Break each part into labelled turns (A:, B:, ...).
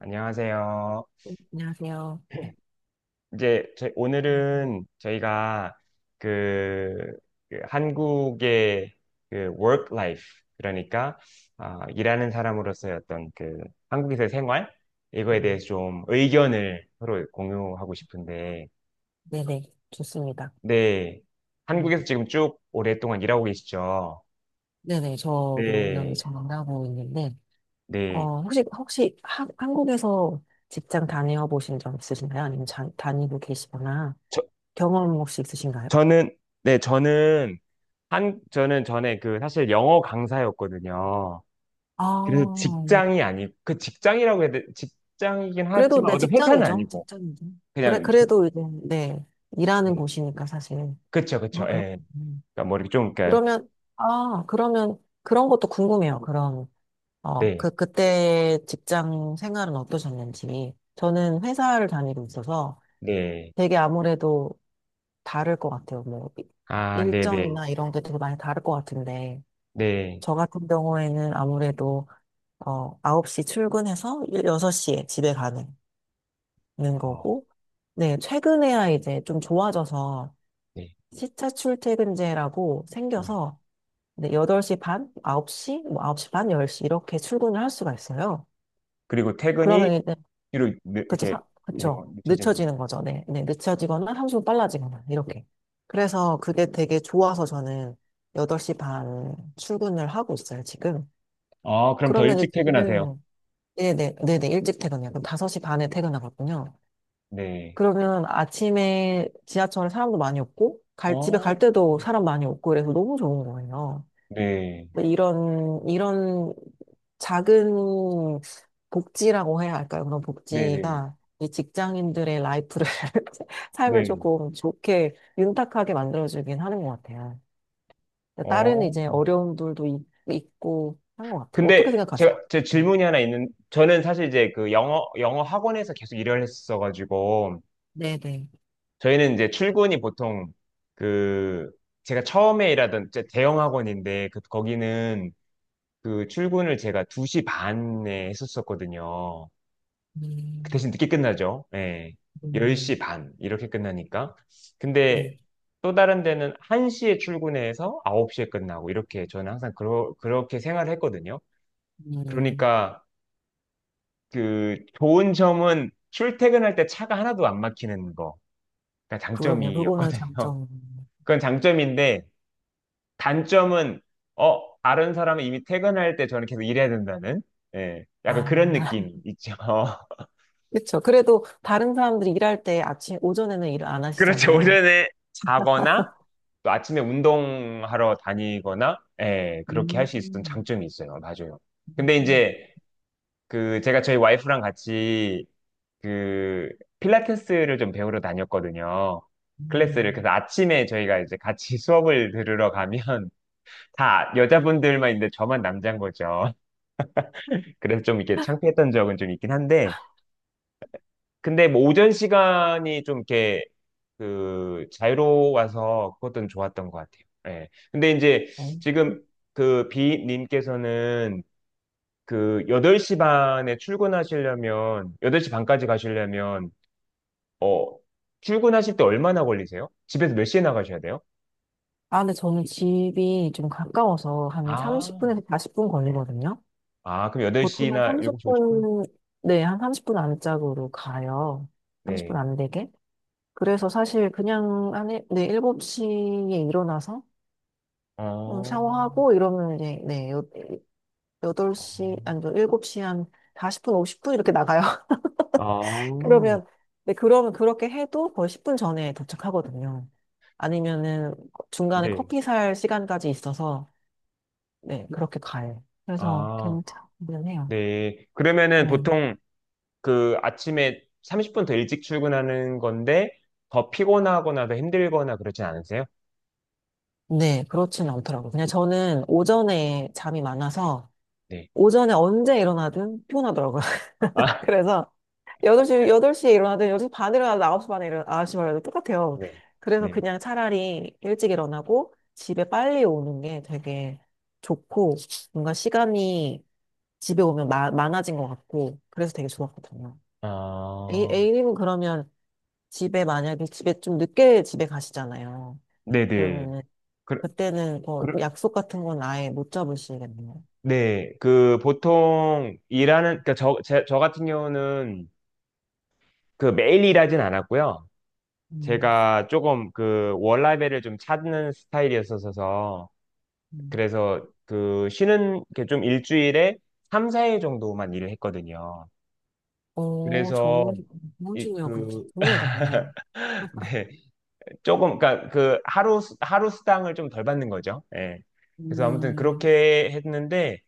A: 안녕하세요.
B: 안녕하세요. 음,
A: 오늘은 저희가 그, 그 한국의 그 work life, 그러니까 아, 일하는 사람으로서의 어떤 그 한국에서의 생활, 이거에
B: 음.
A: 대해서 좀 의견을 서로 공유하고 싶은데.
B: 네네, 좋습니다.
A: 네,
B: 음.
A: 한국에서 지금 쭉 오랫동안 일하고 계시죠?
B: 네네, 저도 여기
A: 네,
B: 전공하고 있는데,
A: 네.
B: 혹시 한국에서 직장 다녀 보신 적 있으신가요? 아니면 다니고 계시거나
A: 저,
B: 경험 혹시 있으신가요?
A: 저는 네 저는 전에 그 사실 영어 강사였거든요. 그래서
B: 아, 네.
A: 직장이 아니고, 그 직장이라고 해야 돼, 직장이긴
B: 그래도
A: 하지만
B: 네,
A: 어떤 회사는
B: 직장이죠.
A: 아니고,
B: 직장이죠. 그래,
A: 그냥.
B: 그래도 이제, 네, 일하는
A: 네.
B: 곳이니까 사실.
A: 그쵸, 그쵸,
B: 아,
A: 예.
B: 그렇군요.
A: 그러니까 뭐 이렇게 좀, 그러니까
B: 그러면, 그러면 그런 것도 궁금해요. 그럼. 그때 직장 생활은 어떠셨는지. 저는 회사를 다니고 있어서
A: 네네아네네네어네네.
B: 되게 아무래도 다를 것 같아요. 뭐, 일정이나 이런 게 되게 많이 다를 것 같은데. 저 같은 경우에는 아무래도, 9시 출근해서 6시에 집에 가는 거고, 네, 최근에야 이제 좀 좋아져서 시차 출퇴근제라고 생겨서, 네, 8시 반, 9시, 뭐 9시 반, 10시 이렇게 출근을 할 수가 있어요.
A: 그리고 퇴근이
B: 그러면 이제
A: 뒤로
B: 그렇죠.
A: 이렇게 되는 거,
B: 그렇죠.
A: 늦춰지는 건가요?
B: 늦춰지는 거죠. 네. 네. 늦춰지거나 30분 빨라지거나 이렇게. 그래서 그게 되게 좋아서 저는 8시 반 출근을 하고 있어요, 지금.
A: 아, 그럼 더
B: 그러면 일
A: 일찍
B: 찍
A: 퇴근하세요?
B: 네네 네네 일찍 퇴근해요. 그럼 5시 반에 퇴근하거든요.
A: 네.
B: 그러면 아침에 지하철에 사람도 많이 없고 갈 집에
A: 어.
B: 갈 때도 사람 많이 없고 그래서 너무 좋은 거예요.
A: 네,
B: 네, 이런 작은 복지라고 해야 할까요? 그런
A: 네, 네,
B: 복지가 이 직장인들의 라이프를, 삶을
A: 네.
B: 조금 좋게, 윤택하게 만들어주긴 하는 것 같아요. 다른
A: 어.
B: 이제 어려움들도 있고 한 것 같아요. 어떻게
A: 근데 제가
B: 생각하세요?
A: 제
B: 음.
A: 질문이 하나 있는, 저는 사실 이제 그 영어 학원에서 계속 일을 했었어가지고
B: 네네.
A: 저희는 이제 출근이 보통, 그, 제가 처음에 일하던 제 대형 학원인데, 그 거기는 그 출근을 제가 2시 반에 했었었거든요. 그
B: 음,
A: 대신 늦게 끝나죠. 예.
B: 음,
A: 10시 반 이렇게 끝나니까. 근데
B: 네.
A: 또 다른 데는 1시에 출근해서 9시에 끝나고 이렇게, 저는 항상 그렇게 생활을 했거든요.
B: 음,
A: 그러니까 그 좋은 점은 출퇴근할 때 차가 하나도 안 막히는 거. 그러니까
B: 그러네요. 그거는
A: 장점이었거든요.
B: 장점.
A: 그건 장점인데, 단점은 다른 사람은 이미 퇴근할 때 저는 계속 일해야 된다는, 예, 약간
B: 아,
A: 그런 느낌 있죠.
B: 그렇죠. 그래도 다른 사람들이 일할 때 아침, 오전에는 일을 안
A: 그렇죠.
B: 하시잖아요.
A: 오전에 자거나 또 아침에 운동하러 다니거나, 예, 그렇게 할 수 있었던
B: 음.
A: 장점이 있어요. 맞아요. 근데
B: 음,
A: 이제 그 제가 저희 와이프랑 같이 그 필라테스를 좀 배우러 다녔거든요.
B: 네.
A: 클래스를. 그래서 아침에 저희가 이제 같이 수업을 들으러 가면, 다 여자분들만 있는데 저만 남자인 거죠. 그래서 좀 이렇게 창피했던 적은 좀 있긴 한데, 근데 뭐 오전 시간이 좀 이렇게 그 자유로워서 그것도 좋았던 것 같아요. 예. 근데 이제 지금 그 b 님께서는 그 8시 반에 출근하시려면, 8시 반까지 가시려면, 어, 출근하실 때 얼마나 걸리세요? 집에서 몇 시에 나가셔야 돼요?
B: 아, 근데 저는 집이 좀 가까워서 한
A: 아.
B: 30분에서 40분 걸리거든요.
A: 아, 그럼
B: 보통 한
A: 8시나 7시 50분?
B: 30분, 네, 한 30분 안짝으로 가요. 30분
A: 네.
B: 안 되게. 그래서 사실 그냥 네, 7시에 일어나서
A: 어.
B: 샤워하고 이러면 이제, 네, 여, 덟
A: 어.
B: 시 아니, 저 일곱 시한 40분, 50분 이렇게 나가요.
A: 아,
B: 그러면, 네, 그러면 그렇게 해도 거의 10분 전에 도착하거든요. 아니면은 중간에
A: 네.
B: 커피 살 시간까지 있어서, 네, 그렇게 가요. 그래서
A: 아.
B: 괜찮긴 해요.
A: 네. 그러면은
B: 네.
A: 보통 그 아침에 30분 더 일찍 출근하는 건데 더 피곤하거나 더 힘들거나 그러진 않으세요?
B: 네, 그렇진 않더라고요. 그냥 저는 오전에 잠이 많아서,
A: 네.
B: 오전에 언제 일어나든 피곤하더라고요.
A: 아.
B: 그래서 8시, 여덟 시에 일어나든 8시 반에 일어나든 9시 반에 일어나든 9시 반에 일어나든 똑같아요.
A: 네.
B: 그래서
A: 네.
B: 그냥 차라리 일찍 일어나고 집에 빨리 오는 게 되게 좋고, 뭔가 시간이 집에 오면 많아진 것 같고 그래서 되게 좋았거든요.
A: 아,
B: A님은 그러면 집에 만약에 집에 좀 늦게 집에 가시잖아요.
A: 네네.
B: 그러면은
A: 그,
B: 그때는 뭐
A: 그,
B: 약속 같은 건 아예 못 잡으시겠네요.
A: 네. 그 보통 일하는, 그러니까 저 같은 경우는 그 매일 일하진 않았고요.
B: 음,
A: 제가 조금 그 월라벨을 좀 찾는 스타일이었어서,
B: 음.
A: 그래서 그 쉬는 게 좀 일주일에 3, 4일 정도만 일을 했거든요.
B: 오,
A: 그래서
B: 좋은
A: 이
B: 친구예요,
A: 그
B: 좋네요, 되게.
A: 네. 조금 그러니까 그 하루 수당을 좀 덜 받는 거죠. 예. 그래서 아무튼
B: 음,
A: 그렇게 했는데,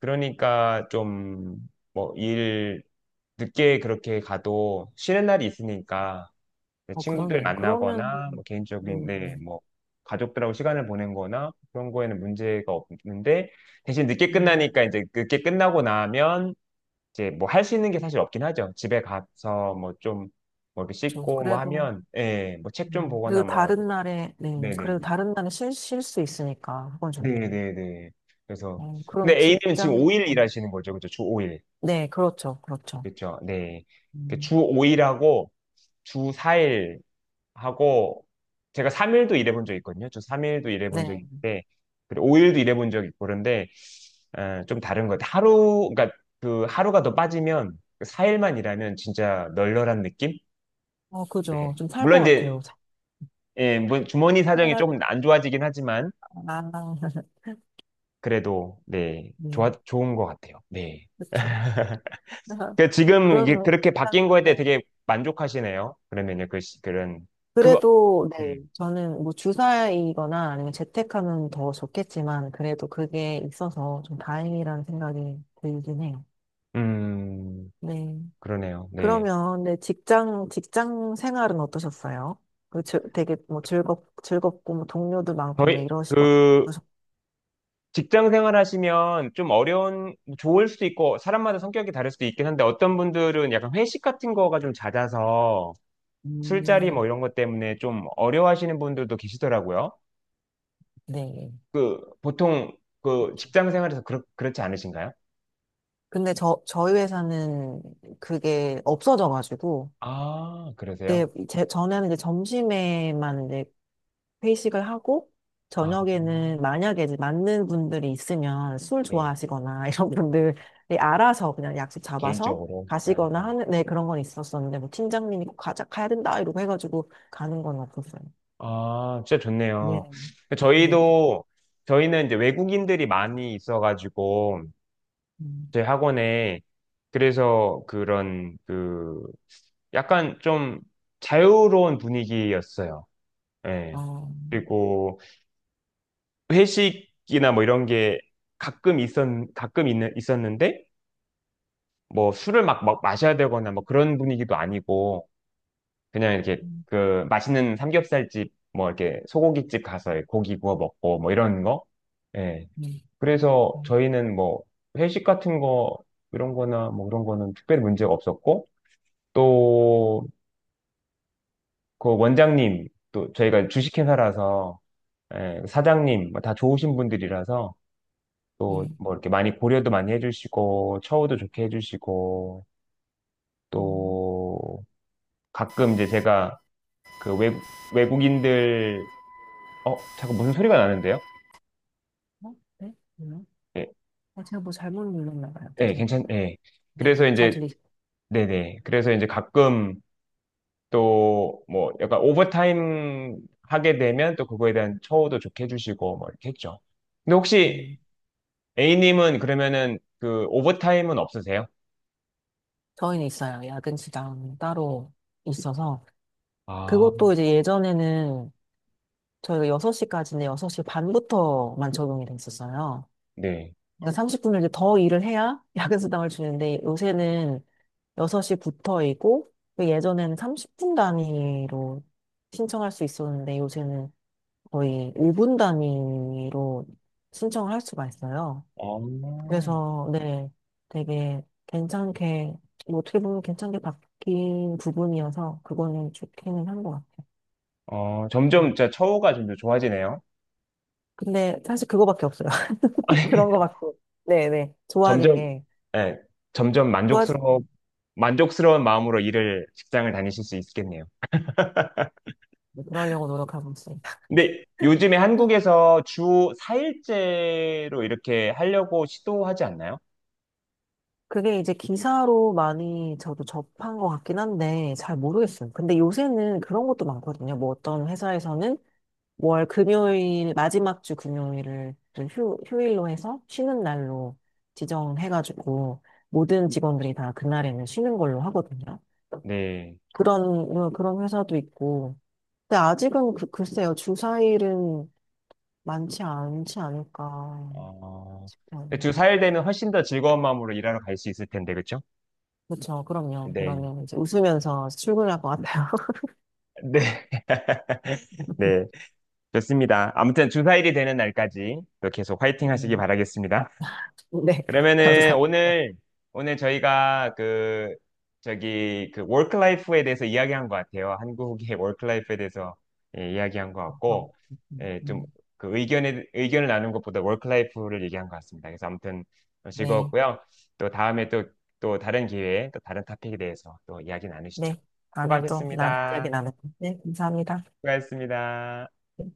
A: 그러니까 좀, 뭐 일 늦게 그렇게 가도 쉬는 날이 있으니까 친구들
B: 그러네요. 그러면,
A: 만나거나 뭐
B: 네,
A: 개인적인,
B: 네.
A: 네뭐 가족들하고 시간을 보낸 거나 그런 거에는 문제가 없는데. 대신 늦게
B: 음,
A: 끝나니까 이제 늦게 끝나고 나면 이제 뭐 할 수 있는 게 사실 없긴 하죠. 집에 가서 뭐 좀, 뭐 이렇게
B: 저,
A: 씻고 뭐
B: 그래도,
A: 하면, 예, 뭐 책 좀
B: 그래도
A: 보거나 뭐.
B: 다른 날에, 네,
A: 네네.
B: 그래도 다른 날에 쉴 수 있으니까, 그건 좋네요.
A: 네네네. 그래서, 근데
B: 그럼
A: A님은 지금 5일 일하시는 거죠. 그죠? 주 5일.
B: 네, 그렇죠, 그렇죠.
A: 그렇죠, 네.
B: 음,
A: 그주 5일하고 주 4일 하고, 제가 3일도 일해본 적 있거든요. 주 3일도 일해본 적
B: 네,
A: 있는데, 그리고 5일도 일해본 적 있고, 그런데, 어, 좀 다른 것 같아요. 하루, 그러니까 그 하루가 더 빠지면, 4일만 일하면 진짜 널널한 느낌? 네.
B: 그죠. 좀 살 것
A: 물론 이제,
B: 같아요.
A: 예, 뭐 주머니 사정이
B: 살아날 것
A: 조금 안 좋아지긴 하지만
B: 같아요. 아,
A: 그래도, 네,
B: 네,
A: 좋아 좋은 것 같아요. 네.
B: 그렇죠.
A: 그 지금 이게
B: 그러면,
A: 그렇게
B: 일단,
A: 바뀐 거에
B: 네.
A: 대해 되게 만족하시네요. 그러면요, 그 그런 그거,
B: 그래도, 네,
A: 음,
B: 저는 뭐 주사이거나 아니면 재택하면 더 좋겠지만, 그래도 그게 있어서 좀 다행이라는 생각이 들긴 해요.
A: 음.
B: 네.
A: 그러네요. 네,
B: 그러면, 네, 직장 생활은 어떠셨어요? 그 되게 뭐 즐겁고, 뭐 동료도 많고, 뭐
A: 저희
B: 이러시고,
A: 그
B: 어떠셨-
A: 직장 생활 하시면 좀 어려운, 좋을 수도 있고 사람마다 성격이 다를 수도 있긴 한데, 어떤 분들은 약간 회식 같은 거가 좀 잦아서 술자리
B: 음,
A: 뭐 이런 것 때문에 좀 어려워하시는 분들도 계시더라고요.
B: 네.
A: 보통 그 직장 생활에서 그렇지 않으신가요?
B: 근데 저희 회사는 그게 없어져가지고,
A: 아,
B: 네,
A: 그러세요?
B: 전에는 이제 점심에만 이제 회식을 하고,
A: 아,
B: 저녁에는 만약에 이제 맞는 분들이 있으면 술
A: 네.
B: 좋아하시거나 이런
A: 네.
B: 분들이 알아서 그냥 약속 잡아서
A: 개인적으로. 네.
B: 가시거나 하는, 네, 그런 건 있었었는데, 뭐 팀장님이 꼭 가자, 가야 된다, 이러고 해가지고 가는 건 없었어요.
A: 아, 진짜
B: 네,
A: 좋네요.
B: 네,
A: 저희도, 저희는 이제 외국인들이 많이 있어가지고
B: 음,
A: 저희 학원에, 그래서 그런, 그, 약간 좀 자유로운 분위기였어요. 예.
B: 어,
A: 그리고 회식이나 뭐 이런 게 가끔 있었는데, 뭐 술을 막 마셔야 되거나 뭐 그런 분위기도 아니고 그냥 이렇게
B: 음,
A: 그 맛있는 삼겹살집 뭐 이렇게 소고기집 가서 고기 구워 먹고 뭐 이런 거. 예.
B: 음,
A: 그래서
B: 음,
A: 저희는 뭐 회식 같은 거 이런 거나 뭐 그런 거는 특별히 문제가 없었고. 또 그 원장님, 또 저희가 주식회사라서, 예, 사장님 뭐다 좋으신 분들이라서 또
B: 음,
A: 뭐 이렇게 많이 고려도 많이 해주시고 처우도 좋게 해주시고.
B: 음.
A: 또 가끔 이제 제가 그 외국인들, 어, 잠깐 무슨 소리가 나는데요?
B: 어? 네? 뭐요?
A: 네,
B: 아, 제가 뭐 잘못 눌렀나 봐요.
A: 네, 괜찮,
B: 죄송합니다.
A: 네. 그래서
B: 네네,
A: 이제, 네네. 그래서 이제 가끔 또 뭐 약간 오버타임 하게 되면 또 그거에 대한 처우도 좋게 해주시고 뭐 이렇게 했죠. 근데
B: 음,
A: 혹시 A님은 그러면은 그 오버타임은 없으세요?
B: 저희는 있어요. 야근 수당 따로 있어서.
A: 아,
B: 그것도 이제 예전에는 저희가 6시까지인데 6시 반부터만 적용이 돼 있었어요.
A: 네.
B: 그러니까 30분을 이제 더 일을 해야 야근 수당을 주는데 요새는 6시부터이고 예전에는 30분 단위로 신청할 수 있었는데 요새는 거의 5분 단위로 신청을 할 수가 있어요.
A: 어.
B: 그래서, 네, 되게 괜찮게, 뭐 어떻게 보면 괜찮게 바뀐 부분이어서 그거는 좋기는 한 것 같아요.
A: 어, 점점
B: 음.
A: 진짜 처우가 좀 더 좋아지네요.
B: 근데 사실 그거밖에 없어요. 그런 거밖에. 네네. 좋아진
A: 점점,
B: 게.
A: 예, 점점
B: 좋아지,
A: 만족스러워, 만족스러운 마음으로 일을, 직장을 다니실 수 있겠네요.
B: 네, 그러려고 노력하고 있습니다.
A: 근데 요즘에 한국에서 주 4일제로 이렇게 하려고 시도하지 않나요?
B: 그게 이제 기사로 많이 저도 접한 것 같긴 한데 잘 모르겠어요. 근데 요새는 그런 것도 많거든요. 뭐 어떤 회사에서는 월 금요일, 마지막 주 금요일을 좀 휴일로 해서 쉬는 날로 지정해가지고 모든 직원들이 다 그날에는 쉬는 걸로 하거든요.
A: 네.
B: 그런, 그런 회사도 있고. 근데 아직은 글쎄요, 주사일은 많지 않지 않을까.
A: 어,
B: 음,
A: 주 4일 되면 훨씬 더 즐거운 마음으로 일하러 갈 수 있을 텐데, 그죠?
B: 그렇죠. 그럼요.
A: 네.
B: 그러면 이제 웃으면서 출근할 것 같아요.
A: 네. 네. 좋습니다. 아무튼 주 4일이 되는 날까지 또 계속 화이팅 하시기
B: 음,
A: 바라겠습니다.
B: 네.
A: 그러면은
B: 감사합니다. 어,
A: 오늘 저희가 그, 저기 그 워크라이프에 대해서 이야기한 것 같아요. 한국의 워크라이프에 대해서, 예, 이야기한 것 같고.
B: 음,
A: 예,
B: 음.
A: 좀그 의견에 의견을 나눈 것보다 워크라이프를 얘기한 것 같습니다. 그래서 아무튼
B: 네.
A: 즐거웠고요. 또 다음에 또 또 다른 기회에 또 다른 토픽에 대해서 또 이야기 나누시죠.
B: 네. 다음에 또 이야기
A: 수고하셨습니다.
B: 나눠요. 네. 감사합니다.
A: 수고하셨습니다.